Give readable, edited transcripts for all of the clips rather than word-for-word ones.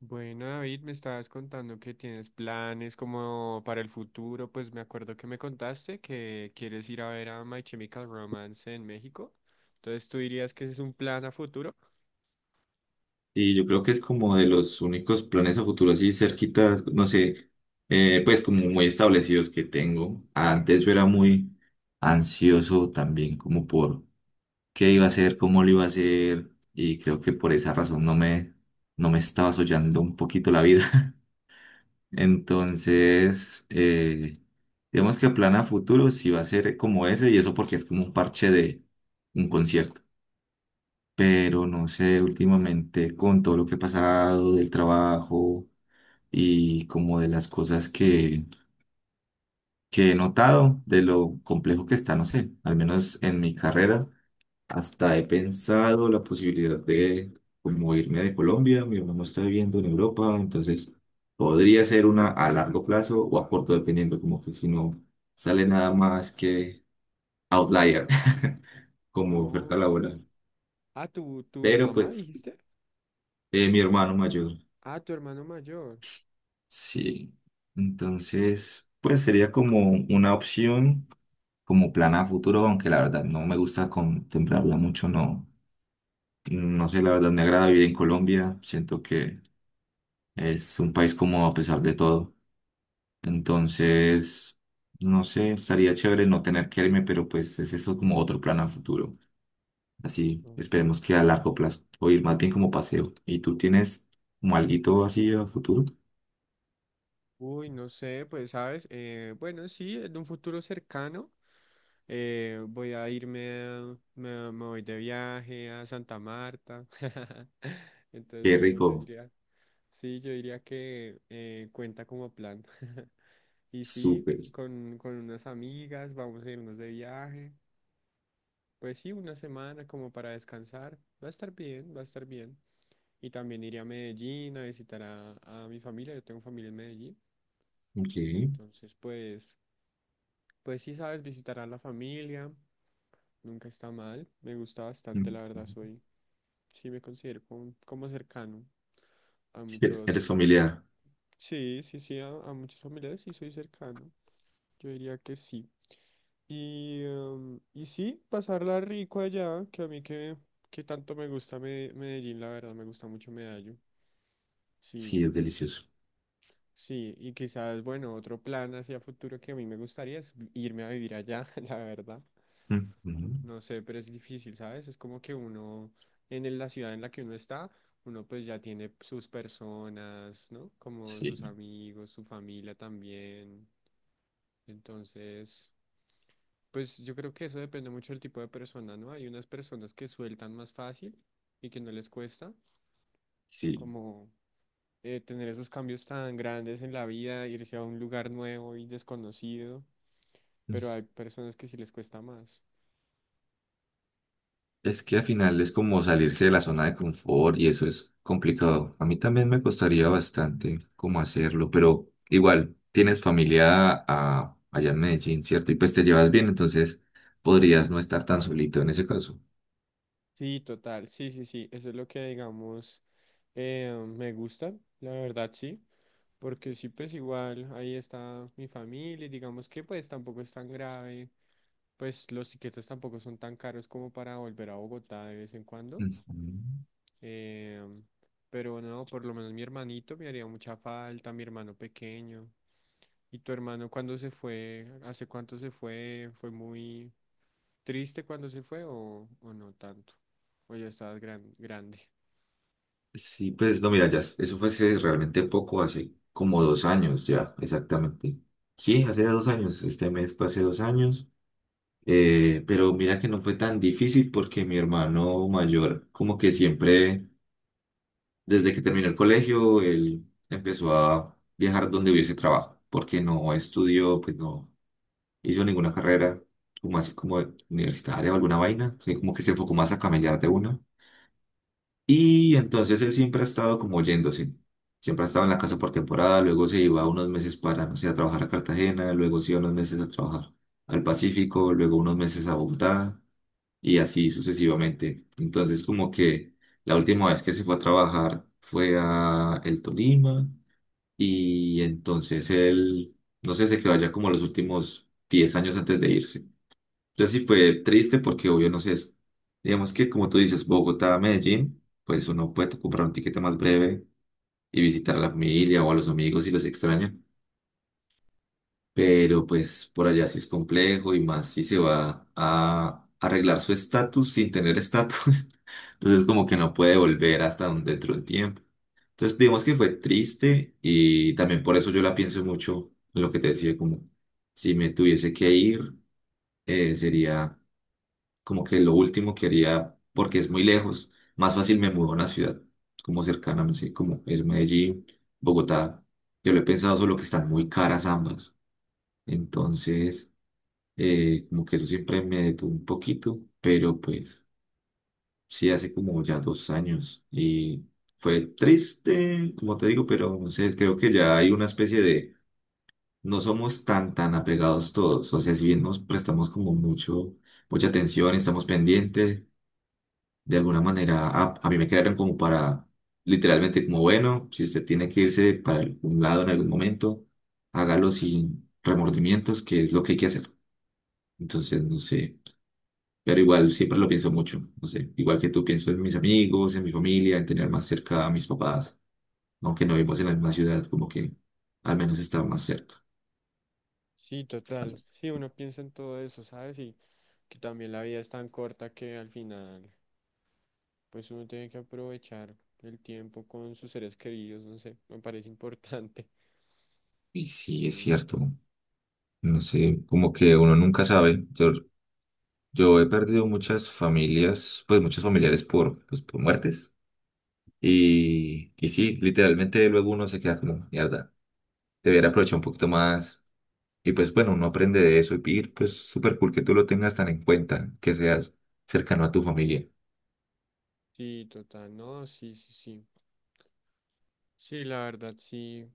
Bueno, David, me estabas contando que tienes planes como para el futuro. Pues me acuerdo que me contaste que quieres ir a ver a My Chemical Romance en México. Entonces, ¿tú dirías que ese es un plan a futuro? Y yo creo que es como de los únicos planes a futuro así cerquita, no sé, pues como muy establecidos que tengo. Antes yo era muy ansioso también como por qué iba a hacer, cómo lo iba a hacer y creo que por esa razón no me estaba soñando un poquito la vida. Entonces, digamos que el plan a futuro sí va a ser como ese y eso porque es como un parche de un concierto, pero no sé, últimamente con todo lo que he pasado del trabajo y como de las cosas que he notado, de lo complejo que está, no sé, al menos en mi carrera, hasta he pensado la posibilidad de como irme de Colombia. Mi hermano está viviendo en Europa, entonces podría ser una a largo plazo o a corto, dependiendo, como que si no sale nada más que outlier como oferta Oh. laboral. Ah, ¿tu Pero mamá pues dijiste? Mi hermano mayor. Ah, tu hermano mayor. Sí, entonces pues sería como una opción, como plan a futuro, aunque la verdad no me gusta contemplarla mucho. No, no sé, la verdad me agrada vivir en Colombia, siento que es un país como a pesar de todo. Entonces, no sé, estaría chévere no tener que irme, pero pues es eso, como otro plan a futuro, así, Oh. esperemos que a largo plazo, o ir más bien como paseo. ¿Y tú tienes como alguito así a futuro? Uy, no sé, pues sabes, bueno, sí, en un futuro cercano voy a me voy de viaje a Santa Marta. Entonces, Qué bueno, yo rico, diría, sí, yo diría que cuenta como plan. Y sí, súper, con unas amigas vamos a irnos de viaje. Pues sí, una semana como para descansar. Va a estar bien, va a estar bien. Y también iré a Medellín a visitar a mi familia. Yo tengo familia en Medellín. ok. Entonces, pues pues sí, sabes, visitar a la familia, nunca está mal. Me gusta bastante, Mm. la verdad, soy, sí me considero como, como cercano a Sí, e-, eres muchos, familiar. sí, sí, sí, a muchos familiares sí soy cercano. Yo diría que sí. Y, y sí, pasarla rico allá, que a mí que tanto me gusta Medellín, la verdad, me gusta mucho Medallo. Sí, Sí, es delicioso. sí, y quizás, bueno, otro plan hacia futuro que a mí me gustaría es irme a vivir allá, la verdad. Ujú. No sé, pero es difícil, ¿sabes? Es como que uno, en la ciudad en la que uno está, uno pues ya tiene sus personas, ¿no? Como sus Sí, amigos, su familia también. Entonces, pues yo creo que eso depende mucho del tipo de persona, ¿no? Hay unas personas que sueltan más fácil y que no les cuesta, sí. como tener esos cambios tan grandes en la vida, irse a un lugar nuevo y desconocido, pero hay personas que sí les cuesta más. Es que al final es como salirse de la zona de confort y eso es complicado. A mí también me costaría bastante cómo hacerlo, pero igual tienes familia ah, allá en Medellín, ¿cierto? Y pues te llevas bien, entonces podrías no estar tan solito en ese caso. Sí, total, sí, sí, sí, eso es lo que digamos me gusta, la verdad sí, porque sí, pues igual ahí está mi familia y digamos que pues tampoco es tan grave, pues los tiquetes tampoco son tan caros como para volver a Bogotá de vez en cuando, Ujú. eh, pero no, por lo menos mi hermanito me haría mucha falta, mi hermano pequeño, y tu hermano cuando se fue, ¿hace cuánto se fue? Fue muy, ¿triste cuando se fue o no tanto? O ya estabas grande. Sí, pues no, mira, ya, eso fue hace realmente poco, hace como 2 años ya, exactamente. Sí, hace 2 años, este mes fue hace 2 años. Pero mira que no fue tan difícil porque mi hermano mayor, como que siempre, desde que terminó el colegio, él empezó a viajar donde hubiese trabajo, porque no estudió, pues no hizo ninguna carrera, como así como universitaria o alguna vaina, sí, como que se enfocó más a camellar de una. Y entonces él siempre ha estado como yéndose, siempre ha estado en la casa por temporada, luego se iba unos meses para, no sé, a trabajar a Cartagena, luego se iba unos meses a trabajar al Pacífico, luego unos meses a Bogotá y así sucesivamente. Entonces, como que la última vez que se fue a trabajar fue a el Tolima y entonces él, no sé, se quedó allá como los últimos 10 años antes de irse. Entonces sí fue triste porque obvio, no sé, es- digamos que como tú dices, Bogotá, Medellín, pues uno puede comprar un tiquete más breve y visitar a la familia o a los amigos si los extraña. Pero pues por allá sí es complejo y más si se va a arreglar su estatus sin tener estatus. Entonces como que no puede volver hasta un- dentro de un tiempo. Entonces digamos que fue triste y también por eso yo la pienso mucho en lo que te decía, como si me tuviese que ir, sería como que lo último que haría, porque es muy lejos. Más fácil me mudo a una ciudad como cercana, no sé, como es Medellín, Bogotá. Yo lo he pensado, solo que están muy caras ambas. Entonces, como que eso siempre me detuvo un poquito, pero pues... Sí, hace como ya 2 años y fue triste, como te digo, pero no sé, creo que ya hay una especie de no somos tan apegados todos, o sea, si bien nos prestamos como mucho, mucha atención, estamos pendientes, de alguna manera a mí me crearon como para literalmente como bueno, si usted tiene que irse para algún lado en algún momento, hágalo sin remordimientos, que es lo que hay que hacer. Entonces, no sé. Pero igual siempre lo pienso mucho, no sé, igual que tú pienso en mis amigos, en mi familia, en tener más cerca a mis papás, aunque no vivimos en la misma ciudad, como que al menos está más cerca. Sí, total. Sí, uno piensa en todo eso, ¿sabes? Y que también la vida es tan corta que al final, pues uno tiene que aprovechar el tiempo con sus seres queridos, no sé, me parece importante. Y sí, es Sí. cierto. No sé, como que uno nunca sabe. Yo he perdido muchas familias, pues muchos familiares por, pues, por muertes. Y sí, literalmente luego uno se queda como, mierda, debería aprovechar un poquito más. Y pues bueno, uno aprende de eso. Pues súper cool que tú lo tengas tan en cuenta, que seas cercano a tu familia. Sí, total, no, sí, sí, sí. Sí, la verdad, sí.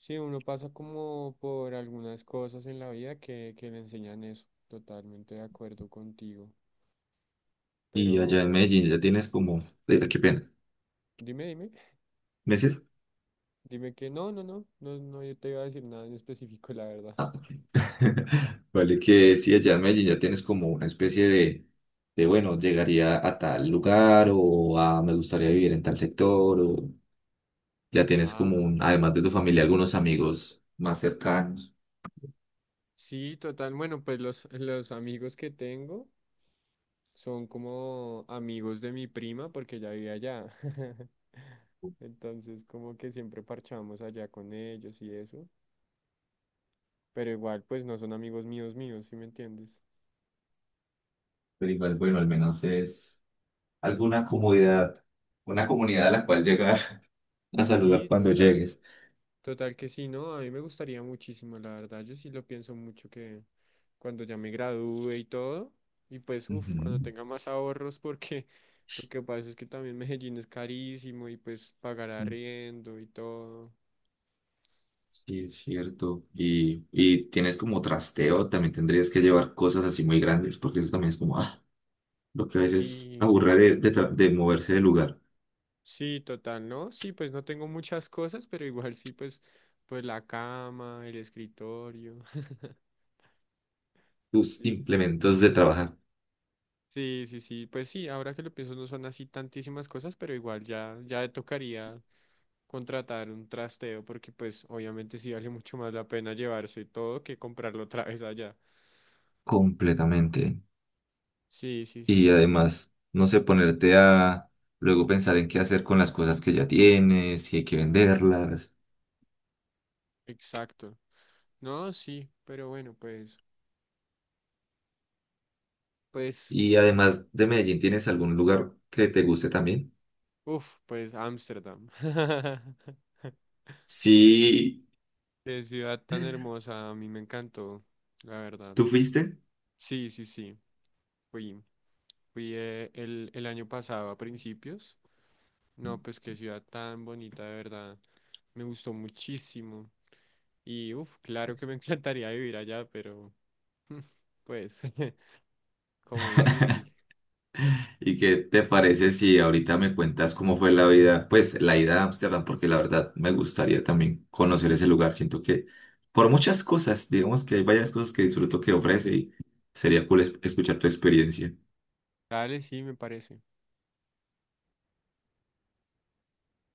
Sí, uno pasa como por algunas cosas en la vida que le enseñan eso. Totalmente de acuerdo contigo. Y Pero, allá en Medellín ya tienes como... qué pena. dime, dime. ¿Meses? Dime que no, no, no, no, no, yo te iba a decir nada en específico, la verdad. Ah, ok. Vale, que sí, allá en Medellín ya tienes como una especie de, bueno, llegaría a tal lugar o a me gustaría vivir en tal sector, o ya tienes Ah, como un, s- además de tu familia, algunos amigos más cercanos, sí, total. Bueno, pues los amigos que tengo son como amigos de mi prima porque ella vive allá. Entonces, como que siempre parchamos allá con ellos y eso. Pero igual, pues no son amigos míos míos, ¿sí me entiendes? pero igual, bueno, al menos es alguna comodidad, una comunidad a la cual llegar a saludar Sí, cuando total. llegues. Total que sí, ¿no? A mí me gustaría muchísimo, la verdad. Yo sí lo pienso mucho que cuando ya me gradúe y todo, y pues, uff, cuando Ujú. tenga más ahorros, porque lo que pasa es que también Medellín es carísimo y pues pagar arriendo y todo. Sí, es cierto. Y tienes como trasteo, también tendrías que llevar cosas así muy grandes, porque eso también es como, ah, lo que a veces Sí, aburre tra- de moverse de lugar. sí, total, ¿no? Sí, pues no tengo muchas cosas, pero igual sí, pues, pues la cama, el escritorio. Tus Sí, implementos de trabajar. sí, sí, sí. Pues sí, ahora que lo pienso no son así tantísimas cosas, pero igual ya, ya tocaría contratar un trasteo porque pues obviamente sí vale mucho más la pena llevarse todo que comprarlo otra vez allá. Completamente. Sí, sí, Y sí, además, no sé, ponerte a luego pensar en qué hacer con las cosas que ya tienes, si hay que venderlas. exacto. No, sí, pero bueno, pues, pues, Y además de Medellín, ¿tienes algún lugar que te guste también? uff, pues Ámsterdam. Sí, Qué ciudad tan hermosa, a mí me encantó, la verdad. ¿tú fuiste? Sí, sí, sí, fui. Fui el año pasado a principios. No, pues qué ciudad tan bonita, de verdad. Me gustó muchísimo. Y uff, claro que me encantaría vivir allá, pero pues como difícil. ¿Y qué te parece si ahorita me cuentas cómo fue la vida, pues la ida a Ámsterdam? Porque la verdad me gustaría también conocer ese lugar. Siento que por muchas cosas, digamos que hay varias cosas que disfruto que ofrece y sería cool es- escuchar tu experiencia. Dale, sí, me parece.